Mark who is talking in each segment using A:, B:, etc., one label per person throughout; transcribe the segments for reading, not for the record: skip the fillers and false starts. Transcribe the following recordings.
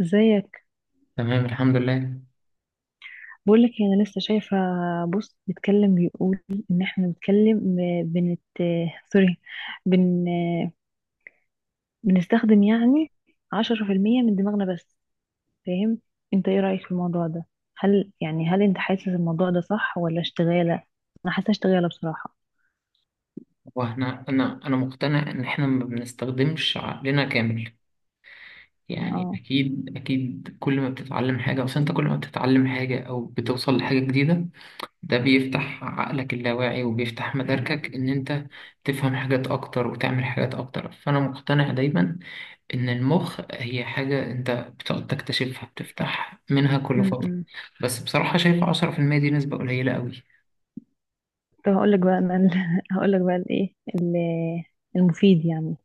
A: ازيك.
B: تمام، الحمد لله.
A: بقول لك انا لسه شايفه بوست بيتكلم، بيقول ان احنا بنتكلم، بنت سوري بن بنستخدم يعني 10% من دماغنا بس. فاهم؟ انت ايه رأيك في الموضوع ده؟ هل انت حاسس الموضوع ده صح ولا اشتغالة؟ انا حاسه اشتغالة بصراحة.
B: واحنا انا مقتنع ان احنا ما بنستخدمش عقلنا كامل. يعني
A: اه.
B: اكيد اكيد، كل ما بتتعلم حاجه اصل انت كل ما بتتعلم حاجه او بتوصل لحاجه جديده، ده بيفتح عقلك اللاواعي وبيفتح مداركك ان انت تفهم حاجات اكتر وتعمل حاجات اكتر. فانا مقتنع دايما ان المخ هي حاجه انت بتقعد تكتشفها، بتفتح منها كل فتره.
A: امم
B: بس بصراحه شايف 10% دي نسبه قليله قوي.
A: طب هقول لك بقى انا هقول لك بقى المفيد يعني.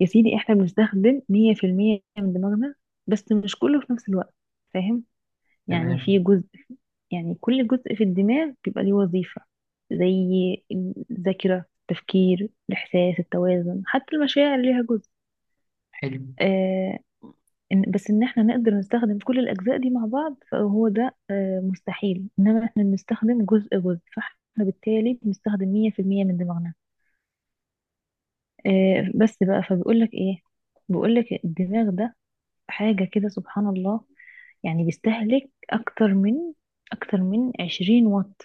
A: يا سيدي احنا بنستخدم 100% من دماغنا، بس مش كله في نفس الوقت. فاهم؟ يعني في
B: تمام.
A: جزء، يعني كل جزء في الدماغ بيبقى ليه وظيفة، زي الذاكرة التفكير الإحساس التوازن، حتى المشاعر ليها جزء.
B: حلو.
A: آه. بس إن احنا نقدر نستخدم كل الأجزاء دي مع بعض فهو ده آه مستحيل، إنما احنا بنستخدم جزء جزء، فاحنا بالتالي بنستخدم 100% من دماغنا. آه بس بقى فبيقولك إيه، بيقولك الدماغ ده حاجة كده سبحان الله. يعني بيستهلك أكتر من 20 واط.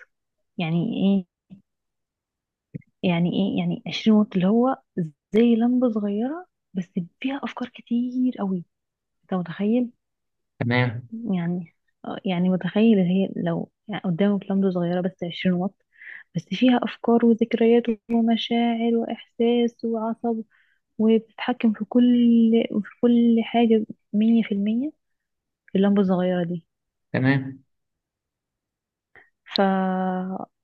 A: يعني إيه؟ يعني إيه يعني 20 واط؟ اللي هو زي لمبة صغيرة بس فيها أفكار كتير قوي. أنت متخيل؟
B: تمام،
A: يعني آه، يعني متخيل اللي هي لو يعني قدامك لمبة صغيرة بس 20 واط، بس فيها أفكار وذكريات ومشاعر وإحساس وعصب، وبتتحكم في كل حاجة 100% في اللمبة الصغيرة دي.
B: تمام.
A: ف...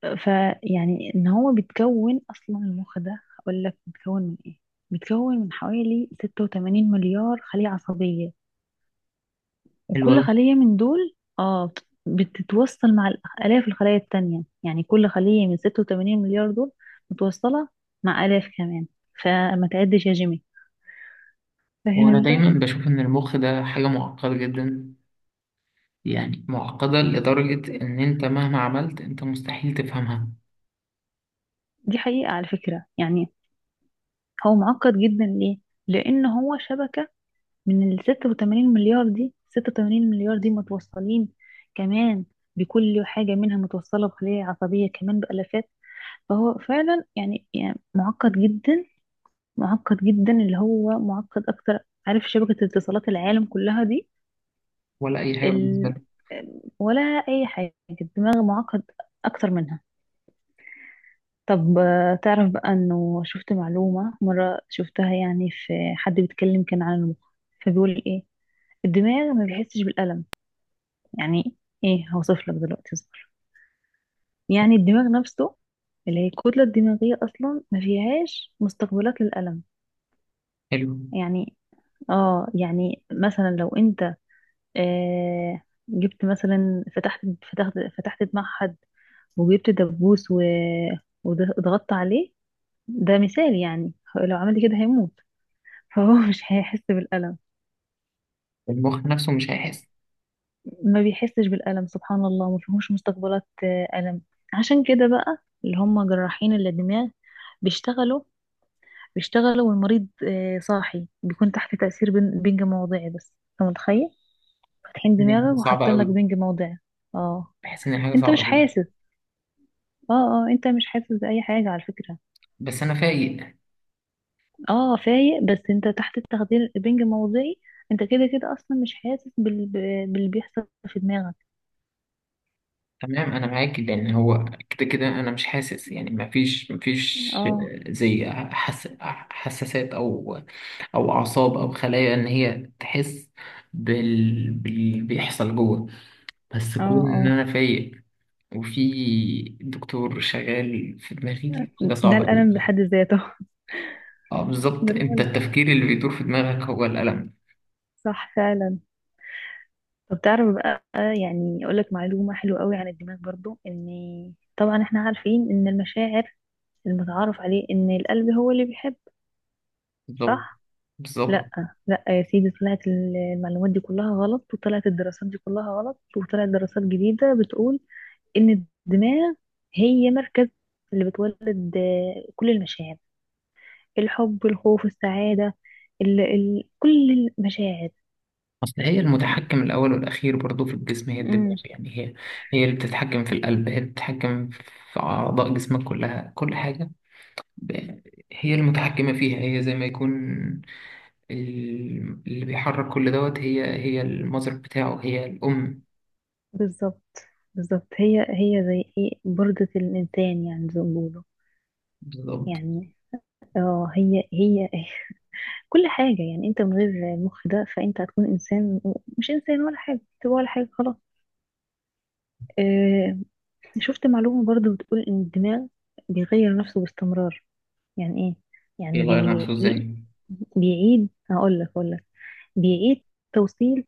A: ف يعني ان هو بيتكون اصلا، المخ ده هقول لك بيتكون من ايه، بيتكون من حوالي 86 مليار خلية عصبية،
B: حلو
A: وكل
B: أوي.
A: خلية من دول بتتوصل مع الاف الخلايا التانية. يعني كل خلية من 86 مليار دول متوصلة مع الاف كمان. فما تعدش يا جيمي.
B: هو
A: فاهم
B: أنا
A: انت.
B: دايما بشوف إن المخ ده حاجة معقدة جدا، يعني معقدة لدرجة إن أنت مهما عملت أنت مستحيل تفهمها.
A: دي حقيقة على فكرة يعني. هو معقد جدا ليه؟ لان هو شبكة من ال 86 مليار دي. 86 مليار دي متوصلين كمان، بكل حاجة منها متوصلة بخلايا عصبية كمان بألافات. فهو فعلا يعني، يعني معقد جدا، معقد جدا، اللي هو معقد أكتر. عارف شبكة اتصالات العالم كلها دي؟
B: ولا أي حاجة بالنسبة
A: ال...
B: لك.
A: ولا أي حاجة. الدماغ معقد أكتر منها. طب آه، تعرف بقى إنه شفت معلومة مرة، شفتها يعني في حد بيتكلم كان عن المخ، فبيقول إيه، الدماغ ما بيحسش بالألم. يعني ايه؟ هوصف لك دلوقتي اصبر. يعني الدماغ نفسه اللي هي الكتلة الدماغية أصلا ما فيهاش مستقبلات للألم.
B: حلو.
A: يعني اه، يعني مثلا لو انت آه جبت مثلا فتحت فتحت دماغ حد، وجبت دبوس وضغطت عليه، ده مثال يعني، لو عمل كده هيموت. فهو مش هيحس بالألم.
B: المخ نفسه مش هيحس.
A: ما بيحسش بالألم سبحان الله، ما فيهوش مستقبلات آه، ألم. عشان كده بقى، اللي هم جراحين الدماغ بيشتغلوا بيشتغلوا، والمريض آه، صاحي، بيكون تحت تأثير بنج موضعي بس. انت متخيل؟ فاتحين
B: إن هي حاجة
A: دماغك
B: صعبة
A: وحاطين لك
B: أوي.
A: بنج موضعي. اه
B: بحس إن هي حاجة
A: انت
B: صعبة
A: مش
B: أوي.
A: حاسس. اه اه انت مش حاسس بأي حاجة على فكرة.
B: بس أنا فايق.
A: اه فايق بس انت تحت التخدير بنج موضعي. انت كده كده اصلا مش حاسس باللي بيحصل في دماغك.
B: تمام، أنا معاك لأن هو كده كده أنا مش حاسس، يعني مفيش مفيش
A: اه
B: زي حساسات أو أعصاب أو خلايا إن هي تحس باللي بيحصل جوه. بس
A: اه
B: كون إن
A: اه،
B: أنا فايق وفي دكتور شغال في دماغي حاجة
A: ده
B: صعبة أوي.
A: الألم بحد ذاته.
B: اه، بالظبط. أنت
A: بالعلا.
B: التفكير اللي بيدور في دماغك هو الألم.
A: صح فعلا. طب تعرف بقى يعني اقول لك معلومة حلوة قوي عن الدماغ برضو ان، طبعا احنا عارفين ان المشاعر المتعارف عليه ان القلب هو اللي بيحب.
B: بالظبط.
A: صح. لا.
B: بالظبط.
A: لا يا سيدي، طلعت المعلومات دي كلها غلط، وطلعت الدراسات دي كلها غلط، وطلعت دراسات جديدة بتقول ان الدماغ هي مركز اللي بتولد آه، كل المشاعر، الحب الخوف السعادة، ال كل المشاعر.
B: أصل هي المتحكم الأول والأخير برضو في الجسم، هي الدماغ.
A: مم.
B: يعني هي اللي بتتحكم في القلب، هي اللي بتتحكم في أعضاء جسمك كلها، كل حاجة. ب- هي المتحكمة فيها. هي زي ما يكون اللي بيحرك كل دوت. هي المذر بتاعه، هي الأم.
A: بالظبط، بالظبط هي هي زي ايه بردة الإنسان، يعني زي ما بيقولوا،
B: بالظبط.
A: يعني اه هي هي كل حاجة. يعني انت من غير المخ ده فانت هتكون انسان، مش انسان ولا حاجة، تبقى ولا حاجة خلاص. اه. شفت معلومة برضو بتقول ان الدماغ بيغير نفسه باستمرار. يعني ايه؟ يعني
B: بيغير نفسه
A: بيعيد
B: ازاي؟
A: بيعيد هقول لك اقول لك بيعيد توصيل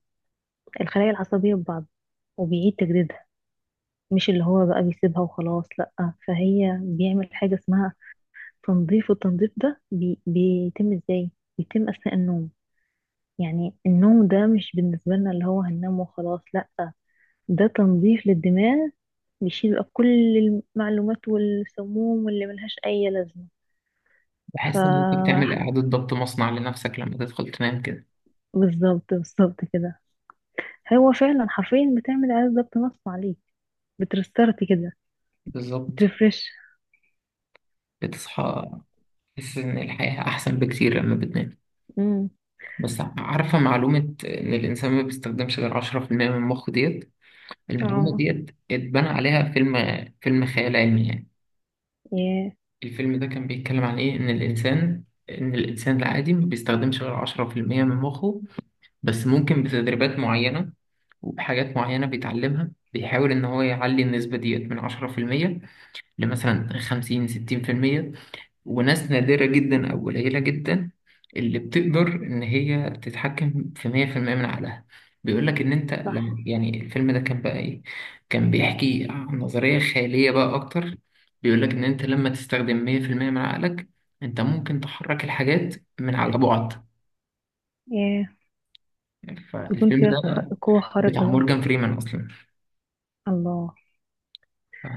A: الخلايا العصبية ببعض، وبيعيد تجديدها. مش اللي هو بقى بيسيبها وخلاص، لأ. فهي بيعمل حاجة اسمها تنظيف، والتنظيف ده بيتم ازاي؟ بيتم أثناء النوم. يعني النوم ده مش بالنسبة لنا اللي هو هننام وخلاص لأ، ده تنظيف للدماغ. بيشيل بقى كل المعلومات والسموم واللي ملهاش أي لازمة. ف
B: بحس إن أنت بتعمل إعادة ضبط مصنع لنفسك لما تدخل تنام كده.
A: بالظبط، بالظبط كده. هو فعلا حرفيا بتعمل إعادة ضبط نفس عليك، بترستارت كده،
B: بالظبط.
A: بترفرش.
B: بتصحى تحس إن الحياة أحسن بكتير لما بتنام.
A: امم.
B: بس عارفة معلومة إن الإنسان ما بيستخدمش غير 10% من مخه ديت. المعلومة
A: اه.
B: ديت اتبنى عليها فيلم، فيلم خيال علمي يعني.
A: ياه.
B: الفيلم ده كان بيتكلم عن إيه؟ إن الإنسان العادي ما بيستخدمش غير 10% من مخه، بس ممكن بتدريبات معينة وبحاجات معينة بيتعلمها، بيحاول إن هو يعلي النسبة ديت من 10% لمثلا 50 60%. وناس نادرة جدا أو قليلة جدا اللي بتقدر إن هي تتحكم في 100% من عقلها. بيقول لك إن أنت
A: صح.
B: لما يعني الفيلم ده كان بقى إيه، كان بيحكي عن نظرية خيالية بقى أكتر. بيقول لك إن أنت لما تستخدم 100% من عقلك أنت ممكن تحرك الحاجات من على بعد.
A: ياه. يكون
B: فالفيلم
A: فيها
B: ده
A: قوة خارقة
B: بتاع
A: بقى.
B: مورجان فريمان أصلا.
A: الله.
B: ف...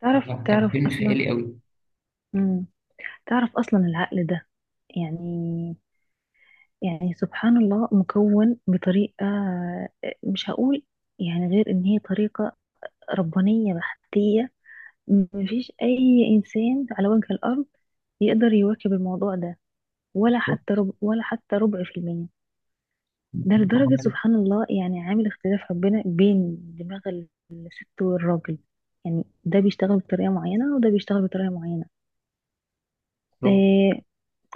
A: تعرف
B: فلا، كان
A: تعرف
B: فيلم
A: أصلا.
B: خيالي أوي.
A: مم. تعرف أصلا العقل ده يعني، يعني سبحان الله مكون بطريقة آه، مش هقول يعني غير إن هي طريقة ربانية بحتية. مفيش أي إنسان على وجه الأرض يقدر يواكب الموضوع ده، ولا حتى ربع، ولا حتى ربع في المية. ده لدرجة
B: عملت
A: سبحان الله، يعني عامل اختلاف ربنا بين دماغ الست والراجل. يعني ده بيشتغل بطريقة معينة وده بيشتغل بطريقة معينة. إيه.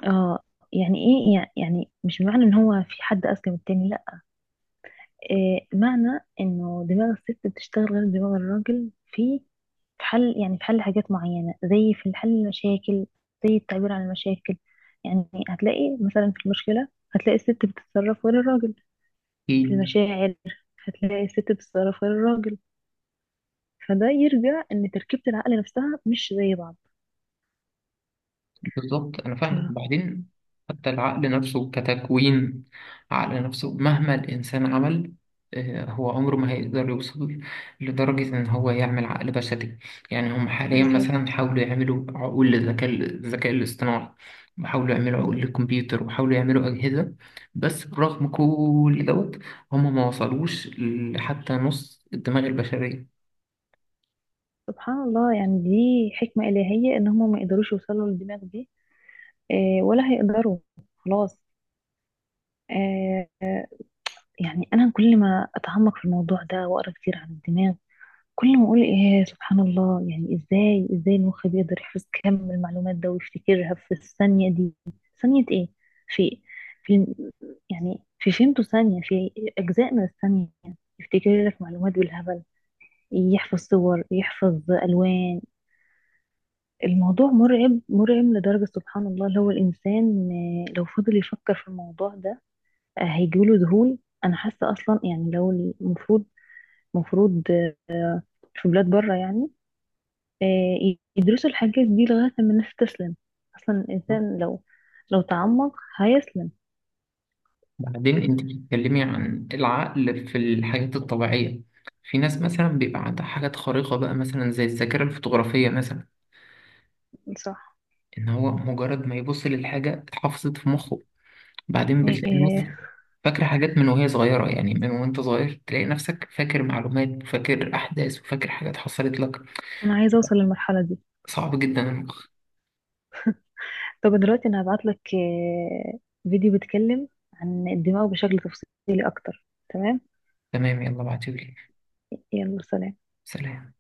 A: اه. يعني ايه، يعني مش معنى ان هو في حد اذكى من التاني، لا. إيه معنى انه دماغ الست بتشتغل غير دماغ الراجل؟ في، في حل، يعني في حل حاجات معينة، زي في حل المشاكل، زي التعبير عن المشاكل. يعني هتلاقي مثلا في المشكلة هتلاقي الست بتتصرف غير الراجل، في
B: شغل.
A: المشاعر هتلاقي الست بتتصرف غير الراجل. فده يرجع ان تركيبة العقل نفسها مش زي بعض.
B: بالظبط، انا
A: ف
B: فاهمك. وبعدين حتى العقل نفسه كتكوين، عقل نفسه مهما الانسان عمل هو عمره ما هيقدر يوصل لدرجة إن هو يعمل عقل بشري. يعني هم حاليا مثلا
A: بالظبط.
B: حاولوا يعملوا عقول للذكاء، الاصطناعي، وحاولوا يعملوا عقول للكمبيوتر وحاولوا يعملوا أجهزة. بس برغم كل دوت هم ما وصلوش لحتى نص الدماغ البشرية.
A: سبحان الله يعني، دي حكمة إلهية ان هما ما يقدروش يوصلوا للدماغ دي آه، ولا هيقدروا خلاص. آه، يعني انا كل ما اتعمق في الموضوع ده واقرا كتير عن الدماغ، كل ما اقول ايه سبحان الله. يعني ازاي ازاي المخ بيقدر يحفظ كم المعلومات ده ويفتكرها في الثانية دي؟ ثانية ايه، في في يعني في فيمتو ثانية، في اجزاء من الثانية، يفتكر لك معلومات بالهبل، يحفظ صور يحفظ الوان. الموضوع مرعب مرعب لدرجة سبحان الله. لو الانسان آه، لو فضل يفكر في الموضوع ده آه، هيجيله ذهول. انا حاسة اصلا يعني لو المفروض، مفروض في بلاد بره يعني آه، يدرسوا الحاجات دي لغاية لما الناس تسلم. أصلا الإنسان لو تعمق هيسلم.
B: بعدين انت بتتكلمي عن العقل في الحاجات الطبيعية. في ناس مثلا بيبقى عندها حاجات خارقة بقى، مثلا زي الذاكرة الفotografية مثلا،
A: صح
B: ان هو مجرد ما يبص للحاجة اتحفظت في مخه. بعدين بتلاقي ناس
A: يعني.
B: فاكرة حاجات من وهي صغيرة، يعني من وانت صغير تلاقي نفسك فاكر معلومات وفاكر أحداث وفاكر حاجات حصلت لك.
A: أنا عايزة أوصل للمرحلة دي.
B: صعب جدا المخ.
A: طب دلوقتي أنا هبعتلك آه، فيديو بيتكلم عن الدماغ بشكل تفصيلي أكتر. تمام.
B: تمام، يلا بعتولي.
A: يلا سلام.
B: سلام.